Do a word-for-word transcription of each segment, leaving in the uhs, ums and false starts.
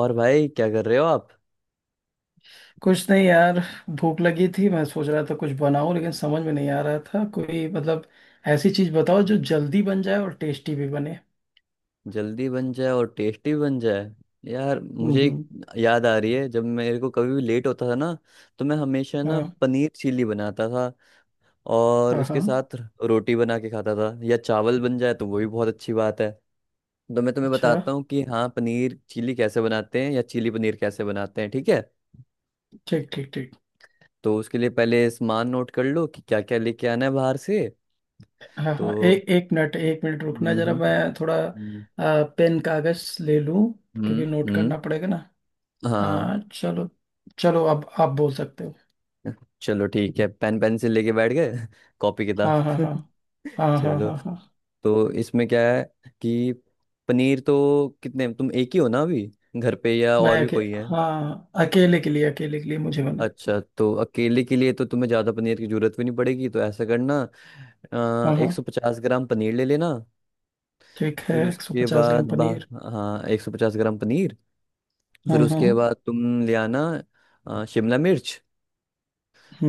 और भाई, क्या कर रहे हो आप। कुछ नहीं यार। भूख लगी थी, मैं सोच रहा था कुछ बनाऊं, लेकिन समझ में नहीं आ रहा था कोई मतलब। ऐसी चीज बताओ जो हम्म। जल्दी बन जाए और टेस्टी भी बने। जल्दी बन जाए और टेस्टी बन जाए। यार, मुझे एक हम्म। याद आ रही है, जब मेरे को कभी भी लेट होता था ना, तो मैं हमेशा ना हाँ। पनीर चिली बनाता था, और हाँ। उसके हाँ। साथ रोटी बना के खाता था, या चावल बन जाए तो वो भी बहुत अच्छी बात है। तो मैं तुम्हें अच्छा। बताता हूँ कि हाँ, पनीर चिली कैसे बनाते हैं या चिली पनीर कैसे बनाते हैं, ठीक है। ठीक ठीक ठीक। तो उसके लिए पहले सामान नोट कर लो कि क्या क्या लेके आना है बाहर से। हाँ तो हाँ, एक एक मिनट, एक मिनट रुकना हम्म जरा, हम्म मैं थोड़ा... हम्म आ, पेन कागज ले लूं। क्योंकि हम्म, नोट हम्म, करना पड़ेगा ना। हाँ, हाँ चलो। चलो अब आप बोल सकते हो। चलो, ठीक है, पेन पेंसिल लेके बैठ गए, कॉपी किताब। हाँ हाँ हाँ हाँ हाँ चलो। हाँ हाँ। तो इसमें क्या है कि पनीर तो कितने तुम, एक ही हो ना अभी घर पे, या मैं और भी अके, कोई है। हाँ, अकेले के लिए, अकेले के लिए मुझे बना। अच्छा, तो अकेले के लिए तो तुम्हें ज़्यादा पनीर की जरूरत भी नहीं पड़ेगी, तो ऐसा करना, हाँ हाँ। एक सौ पचास ग्राम पनीर ले लेना। ठीक है, फिर एक सौ उसके पचास ग्राम बाद बा पनीर। हाँ, एक सौ पचास ग्राम पनीर। फिर हाँ उसके हाँ। बाद तुम ले आना अ, शिमला मिर्च।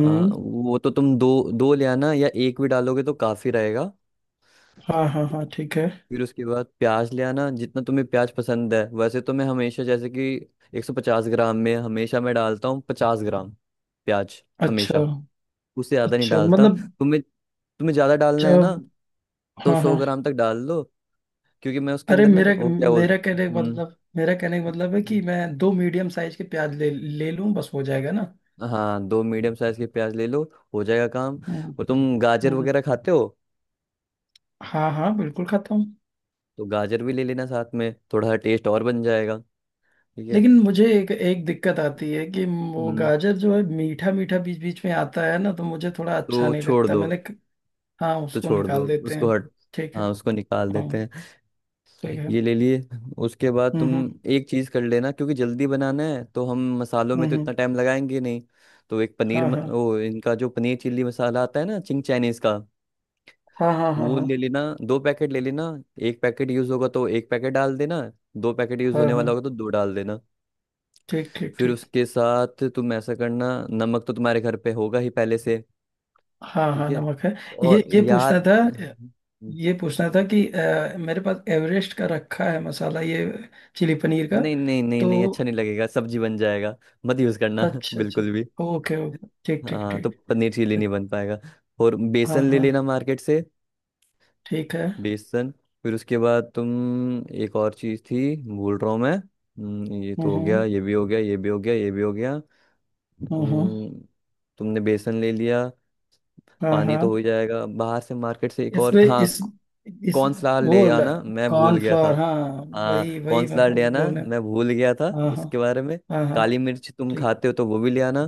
अ, वो तो तुम दो, दो ले आना, या एक भी डालोगे तो काफ़ी रहेगा। हाँ हाँ हाँ। ठीक है। फिर उसके बाद प्याज ले आना, जितना तुम्हें प्याज पसंद है। वैसे तो मैं हमेशा, जैसे कि एक सौ पचास ग्राम में हमेशा मैं डालता हूँ पचास ग्राम प्याज हमेशा। अच्छा। उससे ज़्यादा नहीं अच्छा डालता। मतलब। तुम्हें तुम्हें ज़्यादा डालना है ना, जब... तो हाँ सौ हाँ। ग्राम तक डाल लो। क्योंकि मैं उसके अरे, अंदर ना मेरा वो क्या बोल, मेरा कहने का हम्म मतलब, मेरा कहने का मतलब है कि मैं दो मीडियम साइज के प्याज ले ले लूँ, बस हो जाएगा ना। हाँ, दो मीडियम साइज के प्याज ले लो, हो जाएगा काम। हम्म और तुम गाजर हम्म। वगैरह खाते हो, हाँ हाँ, बिल्कुल खाता हूँ। तो गाजर भी ले लेना साथ में, थोड़ा सा टेस्ट और बन जाएगा, ठीक है। लेकिन मुझे एक एक दिक्कत आती है कि वो हम्म गाजर जो है, मीठा मीठा बीच बीच में आता है ना, तो मुझे थोड़ा अच्छा तो नहीं छोड़ लगता, दो, मैंने क- हाँ, तो उसको छोड़ दो निकाल देते उसको हैं। हट। ठीक है। हाँ, उसको निकाल हाँ। देते हैं। ठीक है। ये ले लिए। उसके बाद हम्म तुम हम्म एक चीज़ कर लेना, क्योंकि जल्दी बनाना है, तो हम मसालों हम्म में तो हम्म। इतना टाइम लगाएंगे नहीं। तो एक पनीर हाँ म- हाँ वो इनका जो पनीर चिल्ली मसाला आता है ना, चिंग चाइनीज़ का, हाँ हाँ हाँ वो ले हाँ लेना, दो पैकेट ले लेना। एक पैकेट यूज़ होगा तो एक पैकेट डाल देना, दो पैकेट यूज़ हाँ होने वाला हाँ। होगा तो दो डाल देना। ठीक ठीक फिर ठीक। उसके साथ तुम ऐसा करना, नमक तो तुम्हारे घर पे होगा ही पहले से, हाँ ठीक हाँ, है। नमक है। ये और ये पूछना याद, था, ये पूछना था कि अ, मेरे पास एवरेस्ट का रखा है मसाला, ये चिली पनीर का, नहीं, नहीं, नहीं, तो... नहीं, अच्छा नहीं लगेगा, सब्जी बन जाएगा। मत यूज करना अच्छा अच्छा। बिल्कुल भी। Okay okay. ठीक ठीक हाँ, ठीक। तो पनीर चिली ठीक, नहीं बन पाएगा। और हाँ बेसन ले हाँ। लेना मार्केट से, ठीक है। बेसन। फिर उसके बाद तुम एक और चीज थी, भूल रहा हूँ मैं। हम्म, ये हम्म तो हो गया, हम्म ये भी हो गया, ये भी हो गया, ये भी हो गया। हम्म हम्म। हम्म, तुमने बेसन ले लिया। हाँ पानी हाँ। तो हो ही जाएगा बाहर से, मार्केट से। एक और, इसमें हाँ, इस इस कॉर्नफ्लावर वो, ले आना, मैं भूल गया कॉर्नफ्लोर, था। हाँ। वही हाँ, वही, मैं कॉर्नफ्लावर ले बो- आना, बोले। मैं भूल गया था हाँ हाँ उसके बारे में। हाँ हाँ। काली मिर्च तुम ठीक। खाते हो तो वो भी ले आना,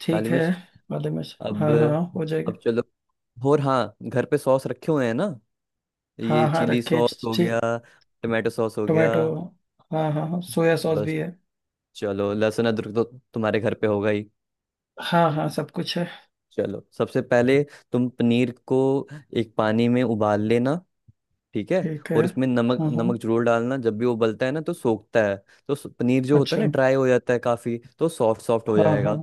ठीक काली है मिर्च। वाले में। अब हाँ हाँ, हो जाएगा। अब चलो। और हाँ, घर पे सॉस रखे हुए हैं ना, ये हाँ हाँ, चिली रखिए। सॉस हो गया, टमाटो सॉस हो गया, टोमेटो। हाँ हाँ हाँ, सोया सॉस बस। भी है। चलो, लहसुन अदरक तो तुम्हारे घर पे होगा ही। हाँ हाँ, सब कुछ है। चलो, सबसे पहले तुम पनीर को एक पानी में उबाल लेना, ठीक है। ठीक है। और इसमें नमक, हम्म नमक हम्म। जरूर डालना, जब भी वो उबलता है ना तो सोखता है। तो स- पनीर जो होता है अच्छा। ना ड्राई हो जाता है काफी, तो सॉफ्ट सॉफ्ट हो हाँ हाँ। जाएगा।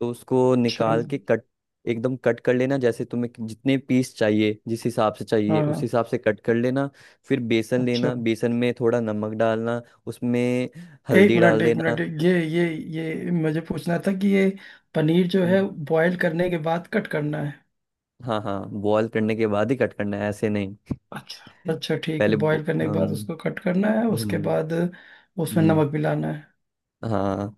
तो उसको चल। निकाल के कट, एकदम कट कर लेना, जैसे तुम्हें कि- जितने पीस चाहिए, जिस हिसाब से चाहिए, हाँ उस हाँ। हिसाब से कट कर लेना। फिर बेसन अच्छा, लेना, बेसन में थोड़ा नमक डालना, उसमें एक हल्दी मिनट डाल एक देना। मिनट, ये ये ये मुझे पूछना था कि ये पनीर जो है, हम्म, बॉयल करने के बाद कट करना है? हाँ, हाँ, बॉयल करने के बाद ही कट करना है, ऐसे नहीं। अच्छा अच्छा, ठीक है। पहले बॉईल बो- करने के बाद हम्म उसको कट करना है, उसके हम्म बाद उसमें हम्म, नमक मिलाना है। हाँ,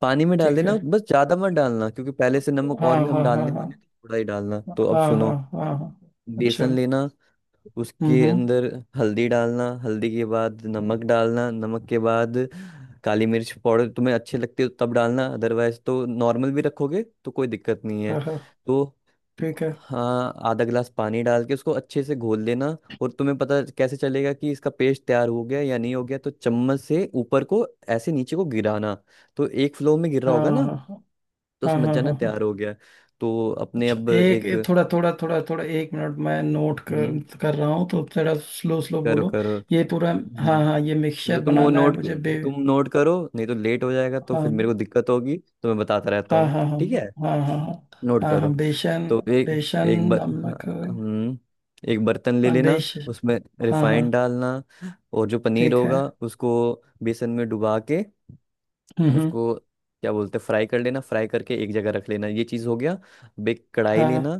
पानी में डाल ठीक देना, है। बस ज्यादा मत डालना, क्योंकि पहले से नमक हाँ और भी हम हाँ हाँ डालने हाँ वाले थे, थोड़ा ही डालना। तो अब हाँ सुनो, हाँ हाँ हाँ। अच्छा। बेसन लेना, हम्म उसके हम्म। अंदर हल्दी डालना, हल्दी के बाद नमक डालना, नमक के बाद काली मिर्च पाउडर, तुम्हें अच्छे लगते हो तब डालना, अदरवाइज तो नॉर्मल भी रखोगे तो कोई दिक्कत नहीं है। हाँ हाँ। तो ठीक है। हाँ, आधा गिलास पानी डाल के उसको अच्छे से घोल लेना। और तुम्हें पता कैसे चलेगा कि इसका पेस्ट तैयार हो गया या नहीं हो गया, तो चम्मच से ऊपर को ऐसे नीचे को गिराना, तो एक फ्लो में गिर रहा होगा हाँ ना, हाँ तो हाँ हाँ समझ हाँ जाना हाँ हाँ। तैयार हो गया है। तो अपने अच्छा, अब एक एक, एक, थोड़ा थोड़ा थोड़ा थोड़ा, एक मिनट, मैं नोट हम्म कर, कर रहा हूँ, तो थोड़ा स्लो स्लो करो, बोलो। करो, ये पूरा? हम्म हाँ हाँ, ये चलो, मिक्सचर तुम वो बनाना है नोट मुझे, बे तुम नोट करो, नहीं तो लेट हो जाएगा, तो हाँ फिर मेरे को दिक्कत होगी। तो मैं बताता रहता हाँ हूँ, हाँ हाँ ठीक है, हाँ हाँ हाँ नोट हाँ करो। हाँ। बेसन। तो एक बेसन, एक बर नमक। हाँ, हम्म, एक बर्तन ले हाँ, लेना, बेस उसमें हाँ हाँ। रिफाइंड डालना, और जो पनीर ठीक है। होगा उसको बेसन में डुबा के हम्म हम्म। उसको, क्या बोलते हैं, फ्राई कर लेना। फ्राई करके एक जगह रख लेना, ये चीज़ हो गया। अब एक कढ़ाई हाँ लेना,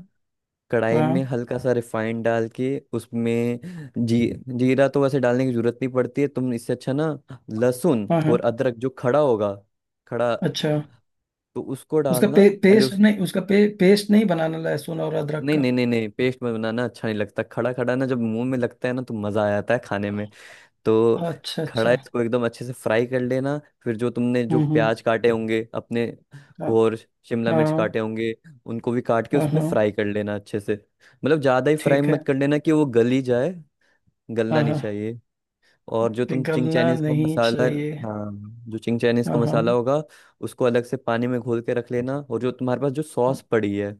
कढ़ाई में हाँ हल्का सा रिफाइंड डाल के उसमें जी जीरा तो वैसे डालने की जरूरत नहीं पड़ती है, तुम इससे अच्छा ना लहसुन हाँ और हाँ। अदरक जो खड़ा होगा, खड़ा, अच्छा। तो उसको उसका डालना पे, पहले। पेस्ट उस नहीं? उसका पे, पेस्ट नहीं बनाना लहसुन और अदरक नहीं, का? नहीं, नहीं, नहीं, पेस्ट में बनाना अच्छा नहीं लगता, खड़ा खड़ा ना जब मुंह में लगता है ना तो मजा आ जाता है खाने में। तो अच्छा खड़ा अच्छा। इसको एकदम अच्छे से फ्राई कर लेना। फिर जो तुमने जो हम्म हम्म। प्याज काटे होंगे अपने, हाँ और शिमला हाँ मिर्च काटे होंगे, उनको भी काट के हाँ उसमें हाँ। फ्राई कर लेना अच्छे से। मतलब ज़्यादा ही फ्राई ठीक है। मत कर लेना कि वो गल ही जाए, गलना हाँ नहीं हाँ। चाहिए। और जो तुम चिंग पिघलना चाइनीज़ का नहीं मसाला, चाहिए। हाँ, जो चिंग चाइनीज़ का हाँ हाँ। मसाला होगा उसको अलग से पानी में घोल के रख लेना। और जो तुम्हारे पास जो हम्म सॉस पड़ी है,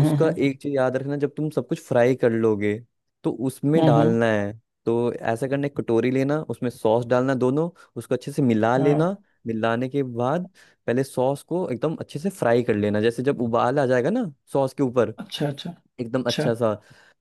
उसका एक चीज याद रखना, जब तुम सब कुछ फ्राई कर लोगे, तो उसमें हम्म हम्म। डालना है। तो ऐसा करना, एक कटोरी लेना, उसमें सॉस डालना दोनों, उसको अच्छे से मिला हाँ हाँ। लेना। मिलाने के बाद पहले सॉस को एकदम अच्छे से फ्राई कर लेना, जैसे जब उबाल आ जाएगा ना सॉस के ऊपर, अच्छा अच्छा। एकदम अच्छा। अच्छा सा।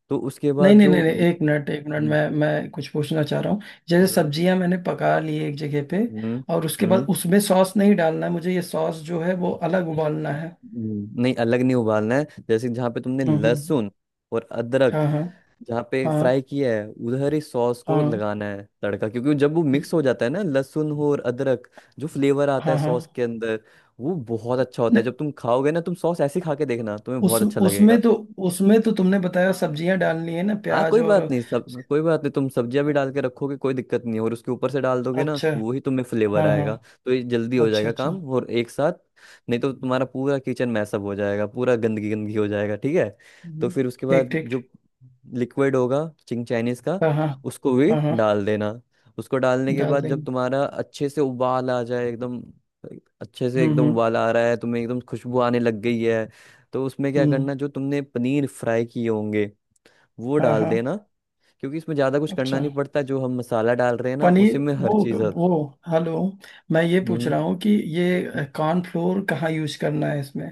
तो उसके नहीं बाद नहीं जो, नहीं नहीं, हम्म एक मिनट एक मिनट, मैं मैं कुछ पूछना चाह रहा हूँ। जैसे हम्म सब्जियां मैंने पका ली एक जगह पे, हम्म और उसके बाद हम्म, उसमें सॉस नहीं डालना है मुझे? ये सॉस जो है वो अलग उबालना है? हम्म, नहीं, अलग नहीं उबालना है, जैसे जहाँ पे तुमने हम्म हम्म। लहसुन और हाँ अदरक हाँ जहाँ पे फ्राई हाँ किया है उधर ही सॉस को हाँ लगाना है तड़का। क्योंकि जब वो मिक्स हो जाता है ना लहसुन हो और अदरक, जो फ्लेवर आता है हाँ हाँ। सॉस के अंदर, वो बहुत अच्छा होता है। नहीं, जब तुम खाओगे ना तुम सॉस ऐसे ही खा के देखना, तुम्हें बहुत उस अच्छा। उसमें तो, उसमें तो तुमने बताया सब्जियां डालनी है ना, हाँ, प्याज कोई और... बात नहीं, सब, कोई बात नहीं, तुम सब्जियां भी डाल के रखोगे, कोई दिक्कत नहीं, और उसके ऊपर से डाल दोगे ना अच्छा। वो ही तुम्हें फ्लेवर हाँ हाँ। आएगा। तो ये जल्दी हो अच्छा जाएगा काम, अच्छा। और एक साथ। नहीं तो तुम्हारा पूरा किचन मैसअप हो जाएगा, पूरा गंदगी गंदगी हो जाएगा, ठीक है। तो हम्म। फिर उसके ठीक बाद ठीक ठीक। जो लिक्विड होगा चिंग चाइनीज का, हाँ हाँ उसको भी हाँ हाँ। डाल देना। उसको डालने के डाल बाद जब देंगे। तुम्हारा अच्छे से उबाल आ जाए, एकदम अच्छे से हम्म एकदम हम्म उबाल आ रहा है, तुम्हें एकदम खुशबू आने लग गई है, तो उसमें क्या हम्म। करना, जो तुमने पनीर फ्राई किए होंगे वो हाँ डाल हाँ। देना। क्योंकि इसमें ज्यादा कुछ करना अच्छा। नहीं पड़ता, जो हम मसाला डाल रहे हैं ना, पनीर। उसी में हर वो चीज। वो हेलो। मैं ये पूछ हम्म रहा हूँ कि ये कॉर्नफ्लोर कहाँ यूज करना है इसमें?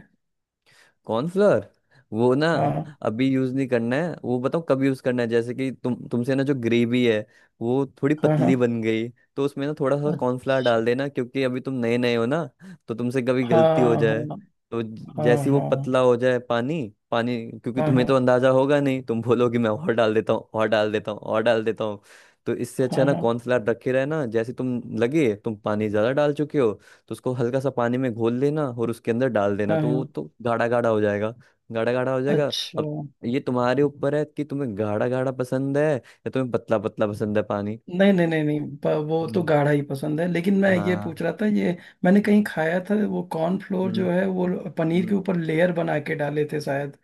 कॉर्नफ्लोर, वो ना हाँ अभी यूज नहीं करना है। वो बताओ कब यूज करना है, जैसे कि तुम, तुमसे ना जो ग्रेवी है, वो थोड़ी हाँ हाँ। पतली बन गई, तो उसमें ना थोड़ा सा अ- कॉर्नफ्लोर डाल देना, क्योंकि अभी तुम नए नए हो ना, तो तुमसे कभी गलती हो हाँ जाए, हाँ तो ज- हाँ जैसे ही वो हाँ पतला हो जाए पानी, पानी, क्योंकि हाँ तुम्हें तो हाँ अंदाजा होगा नहीं, तुम बोलोगे मैं और डाल देता हूँ, और डाल देता हूँ, और डाल देता हूँ। तो इससे अच्छा है हाँ ना, हाँ कॉर्नफ्लोर रखे रहना, जैसे तुम लगे तुम पानी ज्यादा डाल चुके हो, तो उसको हल्का सा पानी में घोल लेना और उसके अंदर डाल देना, हाँ तो वो हाँ। तो गाढ़ा गाढ़ा हो जाएगा, गाढ़ा गाढ़ा हो जाएगा। अच्छा। अब ये तुम्हारे ऊपर है कि तुम्हें गाढ़ा गाढ़ा पसंद है, या तुम्हें पतला पतला पसंद है पानी। नहीं नहीं नहीं नहीं, प- वो तो हम्म गाढ़ा ही पसंद है, लेकिन मैं ये हाँ। पूछ रहा था ये... मैंने कहीं हम्म खाया था, वो कॉर्नफ्लोर हम्म जो है वो पनीर हम्म। के ऊपर लेयर बना के डाले थे शायद।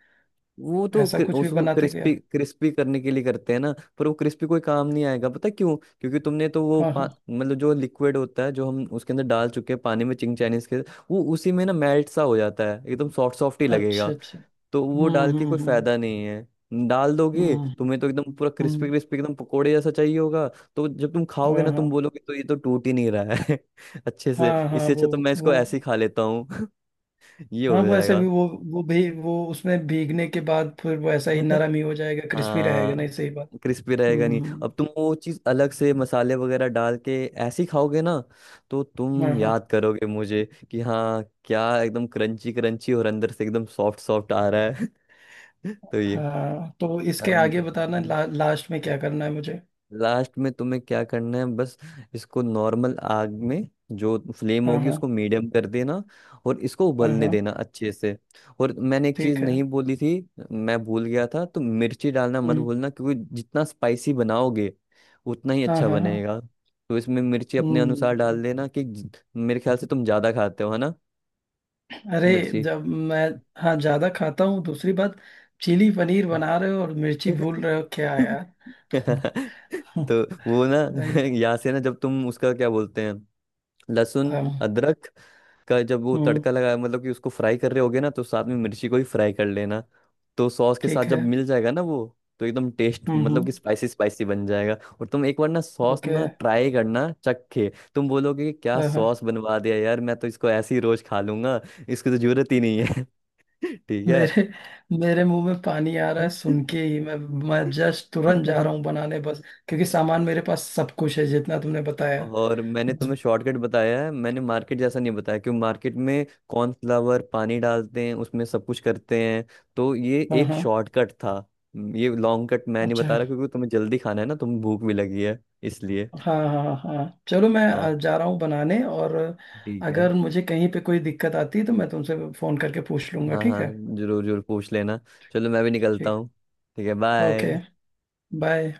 वो तो ऐसा क्रि- कुछ भी उसको बनाते क्या? क्रिस्पी क्रिस्पी करने के लिए करते हैं ना, पर वो क्रिस्पी कोई काम नहीं आएगा, पता है क्यों। क्योंकि तुमने तो वो हाँ पा- हाँ। मतलब जो लिक्विड होता है जो हम उसके अंदर डाल चुके हैं पानी में, चिंग चाइनीज के, वो उसी में ना मेल्ट सा हो जाता है, एकदम सॉफ्ट सॉफ्ट ही लगेगा। अच्छा अच्छा। तो वो हम्म डाल के हम्म कोई हम्म फायदा नहीं है, डाल हम्म दोगे हम्म। तुम्हें तो एकदम पूरा क्रिस्पी हम्म। क्रिस्पी एकदम पकोड़े जैसा चाहिए होगा। तो जब तुम खाओगे हाँ ना हाँ तुम बोलोगे तो ये तो टूट ही नहीं रहा है। अच्छे से हाँ हाँ। इससे वो अच्छा तो मैं इसको ऐसे ही वो खा लेता हूँ। ये हाँ, हो वो ऐसे भी, जाएगा। वो वो भी, वो उसमें भीगने के बाद फिर वो ऐसा ही नरम ही हो जाएगा, क्रिस्पी आ, रहेगा नहीं, सही बात। क्रिस्पी रहेगा हम्म नहीं, हम्म। अब तुम वो चीज़ अलग से मसाले वगैरह डाल के ऐसे ही खाओगे ना, तो हाँ तुम हाँ याद करोगे मुझे कि हाँ, क्या एकदम क्रंची क्रंची और अंदर से एकदम सॉफ्ट सॉफ्ट आ रहा है। तो ये, हाँ। तो इसके अब आगे बताना, ला, लास्ट में क्या करना है मुझे? लास्ट में तुम्हें क्या करना है, बस इसको नॉर्मल आग में, जो फ्लेम हाँ होगी हाँ उसको मीडियम कर देना, और इसको हाँ उबलने हाँ। देना अच्छे से। और मैंने एक चीज ठीक है। नहीं बोली थी, मैं भूल गया था, तो मिर्ची डालना मत हम्म। भूलना, क्योंकि जितना स्पाइसी बनाओगे उतना ही हाँ अच्छा हाँ हाँ। बनेगा। तो इसमें मिर्ची अपने अनुसार डाल हम्म। देना कि ज- मेरे ख्याल से तुम ज्यादा खाते हो है ना अरे, मिर्ची। जब मैं... हाँ, ज्यादा खाता हूँ। दूसरी बात, चिली पनीर बना रहे हो और मिर्ची भूल रहे हो क्या यार? तो वो ना, राइट। यहाँ से ना जब तुम उसका क्या बोलते हैं, लहसुन, हाँ। अदरक का जब वो हम्म। तड़का लगाया, मतलब कि उसको फ्राई कर रहे होगे ना, तो साथ में मिर्ची को भी फ्राई कर लेना। तो सॉस के साथ ठीक जब है। मिल जाएगा ना वो तो एकदम टेस्ट, हम्म मतलब हम्म। कि स्पाइसी स्पाइसी बन जाएगा। और तुम एक बार ना सॉस ओके। ना ट्राई करना, चखे, तुम बोलोगे कि क्या हाँ हाँ। सॉस बनवा दिया यार, मैं तो इसको ऐसे ही रोज खा लूंगा, इसकी तो जरूरत ही नहीं है। ठीक है। मेरे मेरे मुंह में पानी आ रहा है सुन के ही। मैं मैं जस्ट तुरंत जा रहा हूँ बनाने, बस। क्योंकि सामान मेरे पास सब कुछ है जितना तुमने बताया। और मैंने बस। तुम्हें शॉर्टकट बताया है, मैंने मार्केट जैसा नहीं बताया, क्यों, मार्केट में कॉर्नफ्लावर पानी डालते हैं उसमें सब कुछ करते हैं, तो ये हाँ एक हाँ। शॉर्टकट था। हम्म, ये लॉन्ग कट मैं नहीं अच्छा। बता रहा, क्योंकि तुम्हें जल्दी खाना है ना, तुम्हें भूख भी लगी है, इसलिए हाँ हाँ हाँ हाँ। चलो, मैं अ, हाँ, जा रहा हूँ बनाने, और... ठीक है। अगर मुझे कहीं पे कोई दिक्कत आती है तो मैं तुमसे फोन करके पूछ लूंगा, हाँ, ठीक है? हाँ, जरूर, जरूर पूछ लेना, चलो, मैं भी निकलता ठीक। हूँ, ठीक है, ओके। बाय। बाय।